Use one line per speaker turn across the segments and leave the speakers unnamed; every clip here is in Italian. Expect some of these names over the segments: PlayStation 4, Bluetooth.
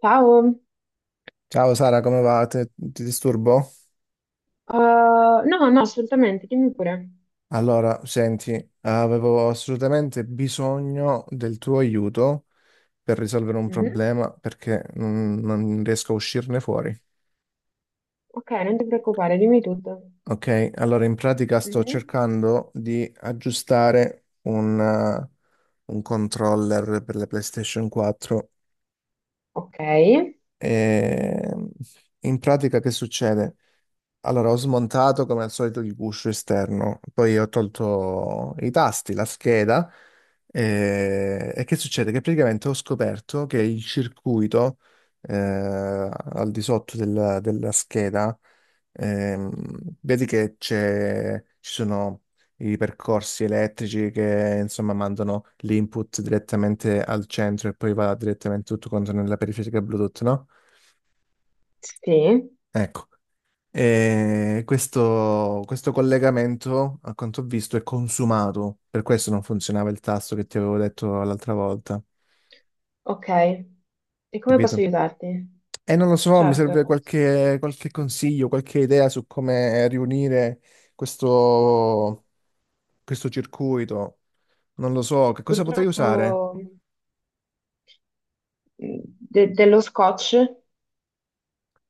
Ciao.
Ciao Sara, come va? Ti disturbo?
No, no, assolutamente, dimmi pure.
Allora, senti, avevo assolutamente bisogno del tuo aiuto per risolvere un
Mhm.
problema perché non riesco a uscirne fuori.
Ok, non ti preoccupare, dimmi tutto.
Ok, allora in pratica sto
Mhm.
cercando di aggiustare un controller per la PlayStation 4.
Ok,
E in pratica che succede? Allora, ho smontato come al solito il guscio esterno, poi ho tolto i tasti, la scheda e che succede? Che praticamente ho scoperto che il circuito al di sotto della scheda, ehm, vedi che ci sono i percorsi elettrici che insomma mandano l'input direttamente al centro e poi va direttamente tutto quanto nella periferica Bluetooth, no?
sì,
Ecco. E questo collegamento, a quanto ho visto, è consumato. Per questo non funzionava il tasto che ti avevo detto l'altra volta.
ok. E come posso
Capito?
aiutarti?
E non lo so, mi serve
Certo,
qualche consiglio, qualche idea su come riunire questo, questo circuito. Non lo so, che cosa potrei
purtroppo
usare?
dello scotch,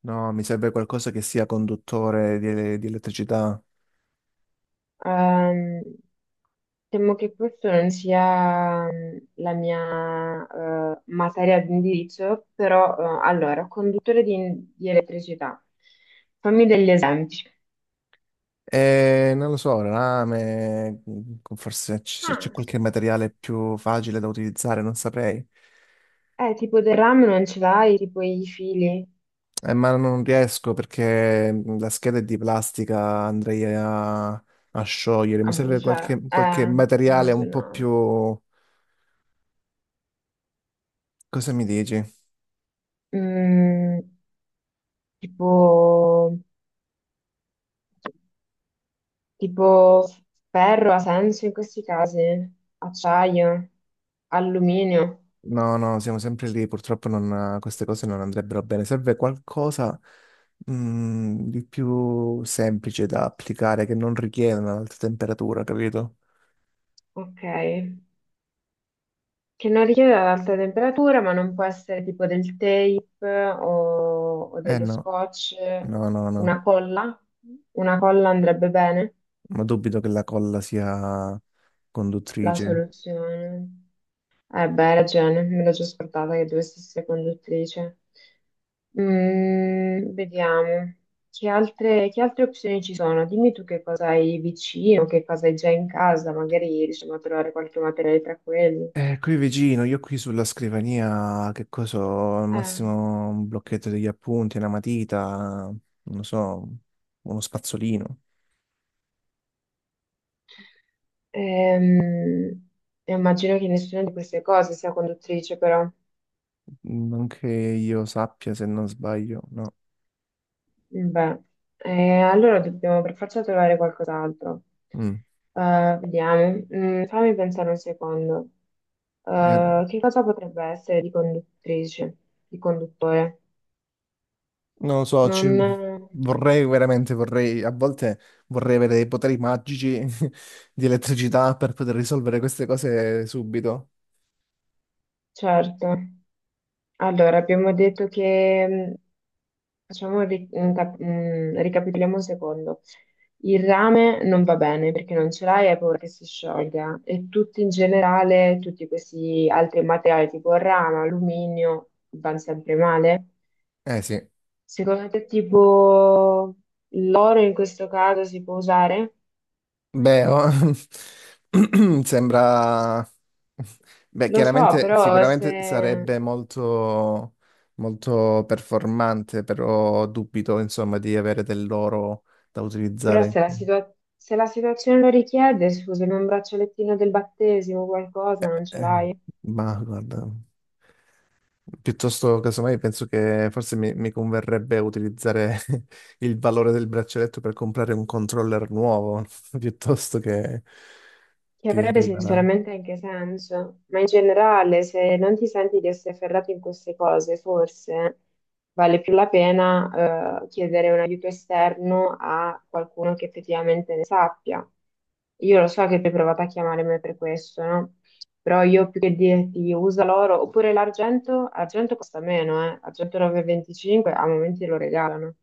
No, mi serve qualcosa che sia conduttore di elettricità.
ehm, temo che questa non sia la mia materia di indirizzo, però allora, conduttore di elettricità, fammi degli esempi.
Non lo so, rame, se c'è
Ah.
qualche materiale più facile da utilizzare, non saprei.
Tipo del rame non ce l'hai, tipo i fili
Ma non riesco perché la scheda è di plastica, andrei a sciogliere.
a
Mi serve
bruciare.
qualche materiale un po'
Immagino.
più... Cosa mi dici?
Mm, tipo, tipo ferro ha senso in questi casi? Acciaio, alluminio.
No, no, siamo sempre lì, purtroppo queste cose non andrebbero bene. Serve qualcosa, di più semplice da applicare, che non richieda un'alta temperatura, capito?
Ok. Che non richiede ad alta temperatura, ma non può essere tipo del tape o
Eh
dello
no.
scotch.
No, no, no,
Una colla? Una colla andrebbe bene?
ma dubito che la colla sia
La
conduttrice.
soluzione. Eh beh, hai ragione, me l'ho già scordata che dovessi essere conduttrice. Vediamo. Che altre opzioni ci sono? Dimmi tu che cosa hai vicino, che cosa hai già in casa, magari riusciamo a trovare qualche materiale tra quelli.
Qui vicino, io qui sulla scrivania, che cosa ho? Al
Ah,
massimo un blocchetto degli appunti, una matita, non lo so, uno spazzolino.
ehm, immagino che nessuna di queste cose sia conduttrice, però.
Non che io sappia, se non sbaglio, no.
Beh, allora dobbiamo per forza trovare qualcos'altro.
Mm.
Vediamo, fammi pensare un secondo.
Eh,
Che cosa potrebbe essere di conduttrice, di conduttore?
non lo so,
Non,
vorrei veramente, vorrei, a volte vorrei avere dei poteri magici di elettricità per poter risolvere queste cose subito.
certo. Allora, abbiamo detto che, facciamo, un ri- un cap- ricapitoliamo un secondo. Il rame non va bene perché non ce l'hai e hai paura che si sciolga. E tutti in generale, tutti questi altri materiali tipo rame, alluminio, vanno sempre male.
Eh sì.
Secondo te, tipo l'oro in questo caso si può usare?
Beh, oh, sembra... Beh,
Lo so,
chiaramente,
però
sicuramente sarebbe
se,
molto performante, però dubito, insomma, di avere dell'oro da
però
utilizzare.
se la situa- se la situazione lo richiede, scusami, un braccialettino del battesimo, qualcosa, non ce
Eh,
l'hai?
ma guarda, piuttosto, casomai, penso che forse mi converrebbe utilizzare il valore del braccialetto per comprare un controller nuovo, piuttosto
Che
che
avrebbe
arriverà.
sinceramente anche senso, ma in generale, se non ti senti di essere ferrato in queste cose, forse vale più la pena, chiedere un aiuto esterno a qualcuno che effettivamente ne sappia. Io lo so che tu hai provato a chiamare me per questo, no? Però io più che dirti usa l'oro, oppure l'argento, argento costa meno, eh? Argento 9,25 a momenti lo regalano.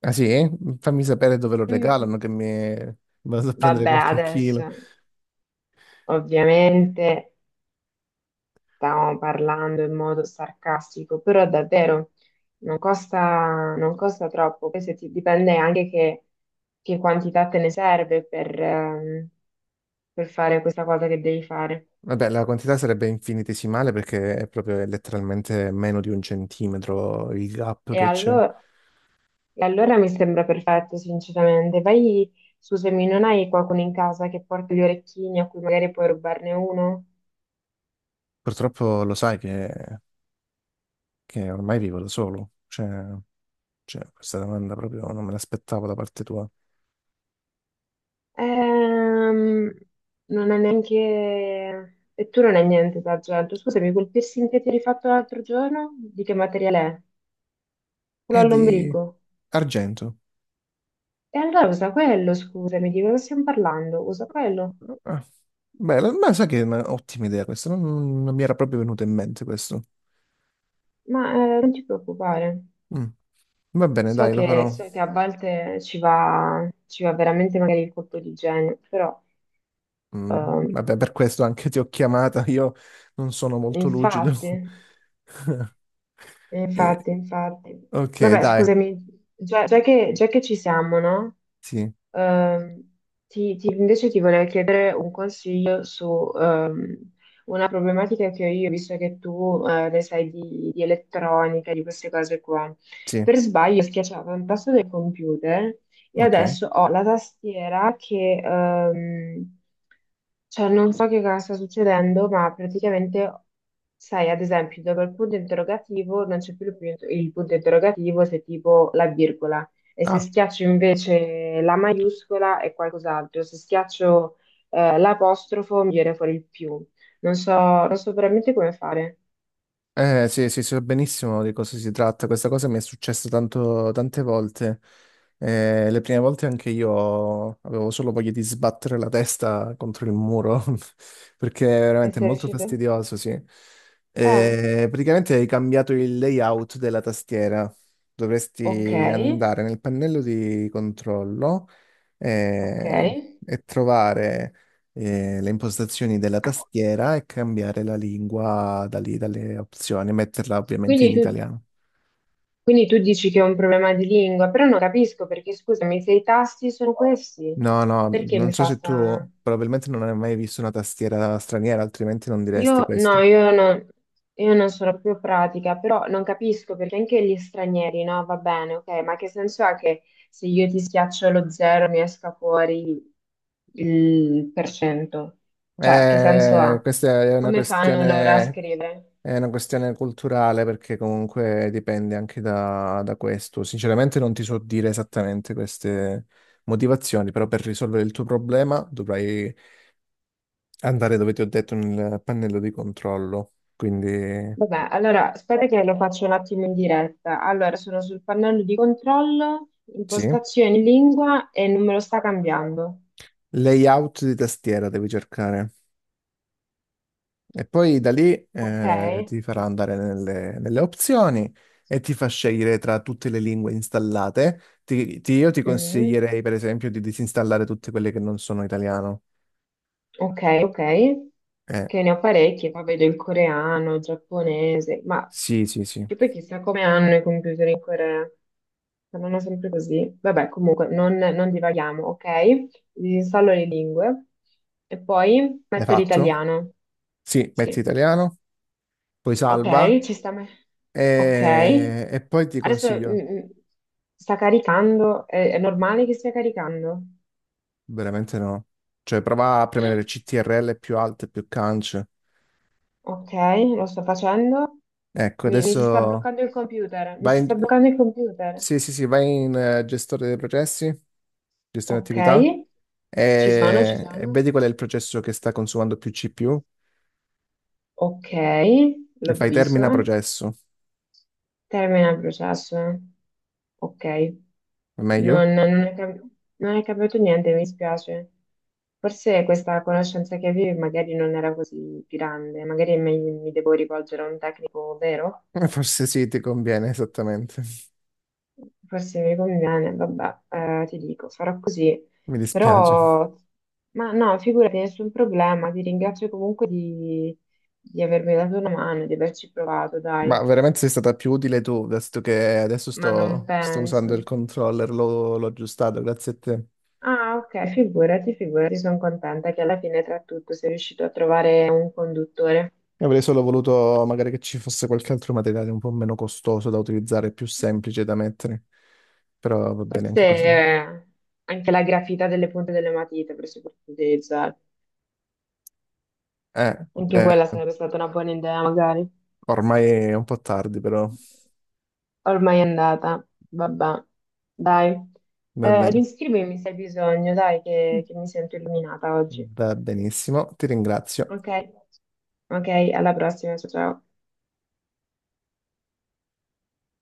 Ah sì? Fammi sapere dove lo
Mm.
regalano che mi vado a prendere
Vabbè,
qualche chilo.
adesso ovviamente. Stavamo parlando in modo sarcastico, però davvero non costa troppo. Poi se ti dipende anche che quantità te ne serve per fare questa cosa che devi fare.
Vabbè, la quantità sarebbe infinitesimale perché è proprio letteralmente meno di un centimetro il gap
E
che c'è.
allora, e allora mi sembra perfetto, sinceramente. Vai, scusami, non hai qualcuno in casa che porta gli orecchini a cui magari puoi rubarne uno?
Purtroppo lo sai che ormai vivo da solo. Cioè, cioè, questa domanda proprio non me l'aspettavo da parte tua.
Ehm, non è neanche. E tu non è niente d'argento. Scusami, quel piercing che ti eri fatto l'altro giorno, di che materiale è? Quello
È di
all'ombrico.
argento.
E allora usa quello, scusami, di cosa stiamo parlando? Usa quello.
Ah, Bella, ma sai che è un'ottima idea questa, non mi era proprio venuta in mente questo.
Ma non ti preoccupare.
Mm. Va bene,
So
dai, lo
che,
farò.
so che a volte ci va veramente magari il colpo di genio, però
Mm,
ehm,
vabbè, per questo anche ti ho chiamata, io non sono molto lucido.
infatti.
Eh,
Infatti, infatti.
ok,
Vabbè,
dai,
scusami, già che ci siamo, no?
sì,
Ehm, invece ti volevo chiedere un consiglio su una problematica che ho io, visto che tu ne sai di elettronica, di queste cose qua.
sì,
Per sbaglio schiacciavo un tasto del computer. Io
ok.
adesso ho la tastiera che, cioè non so che cosa sta succedendo, ma praticamente, sai, ad esempio, dopo il punto interrogativo non c'è più il punto interrogativo se tipo la virgola, e se
Ah.
schiaccio invece la maiuscola è qualcos'altro, se schiaccio, l'apostrofo mi viene fuori il più. Non so veramente come fare.
Eh sì, sì, so benissimo di cosa si tratta. Questa cosa mi è successa tante volte. Le prime volte anche io avevo solo voglia di sbattere la testa contro il muro, perché è
E
veramente
se
molto
riuscite?
fastidioso, sì.
Eh,
Praticamente hai cambiato il layout della tastiera.
ok,
Dovresti andare nel pannello di controllo
ok.
eh, e trovare le impostazioni della tastiera e cambiare la lingua da lì, dalle opzioni, metterla ovviamente in
Quindi tu
italiano.
Quindi tu dici che è un problema di lingua, però non capisco perché, scusami, se i tasti sono questi,
No, no,
perché
non
mi
so
fa
se tu
sta.
probabilmente non hai mai visto una tastiera straniera, altrimenti non diresti
Io
questo.
no, io non sono più pratica, però non capisco perché anche gli stranieri, no? Va bene, ok, ma che senso ha che se io ti schiaccio lo zero mi esca fuori il per cento? Cioè, che senso ha?
Questa è una
Come fanno loro a scrivere?
è una questione culturale perché comunque dipende anche da questo. Sinceramente non ti so dire esattamente queste motivazioni, però per risolvere il tuo problema dovrai andare dove ti ho detto nel pannello di controllo, quindi
Vabbè, allora aspetta che lo faccio un attimo in diretta. Allora, sono sul pannello di controllo,
sì.
impostazioni lingua e non me lo sta cambiando.
Layout di tastiera devi cercare e poi da lì
Ok?
ti farà andare nelle opzioni e ti fa scegliere tra tutte le lingue installate. Io ti
Mm,
consiglierei per esempio di disinstallare tutte quelle che non sono italiano.
ok, ok.
Eh,
Che ne ho parecchi, poi vedo il coreano, il giapponese, ma
sì, sì, sì.
che poi chissà come hanno i computer in Corea. Saranno sempre così. Vabbè, comunque, non divaghiamo, ok? Disinstallo le lingue e poi
L'hai
metto
fatto?
l'italiano.
Sì, metti
Sì.
italiano, poi
Ok,
salva
ci sta. Ok,
e poi ti
adesso
consiglio.
sta caricando, è normale che stia caricando?
Veramente no. Cioè, prova a premere CTRL più alte, più cance.
Ok, lo sto facendo,
Ecco,
mi si sta
adesso
bloccando il computer, mi
vai
si sta
in...
bloccando il computer.
Sì, sì, sì, vai in gestore dei processi, gestione
Ok,
attività,
ci sono, ci
e
sono.
vedi qual è il processo che sta consumando più CPU
Ok,
e
l'ho
fai
visto.
termina processo.
Termina il processo. Ok.
È meglio?
Non, non è, cam- non è cambiato niente, mi spiace. Forse questa conoscenza che avevi magari non era così grande, magari mi devo rivolgere a un tecnico vero?
Forse sì, ti conviene, esattamente.
Forse mi conviene, vabbè, ti dico, farò così.
Mi dispiace.
Però, ma no, figurati, nessun problema, ti ringrazio comunque di avermi dato una mano, di averci provato, dai.
Ma veramente sei stata più utile tu, visto che adesso
Ma non
sto
penso.
usando il controller, l'ho aggiustato, grazie a te.
Ah, ok, figurati, figurati, sono contenta che alla fine tra tutto sei riuscito a trovare un conduttore.
Io avrei solo voluto magari che ci fosse qualche altro materiale un po' meno costoso da utilizzare, più semplice da mettere, però va bene
Forse
anche così.
anche la grafita delle punte delle matite avresti potuto utilizzare. Anche
Beh,
quella sarebbe stata una buona idea, magari.
ormai è un po' tardi, però
Ormai è andata, vabbè. Dai,
va bene.
riscrivimi se hai bisogno, dai, che mi sento illuminata oggi.
Va benissimo, ti ringrazio.
Ok, ok, alla prossima, ciao. Ciao.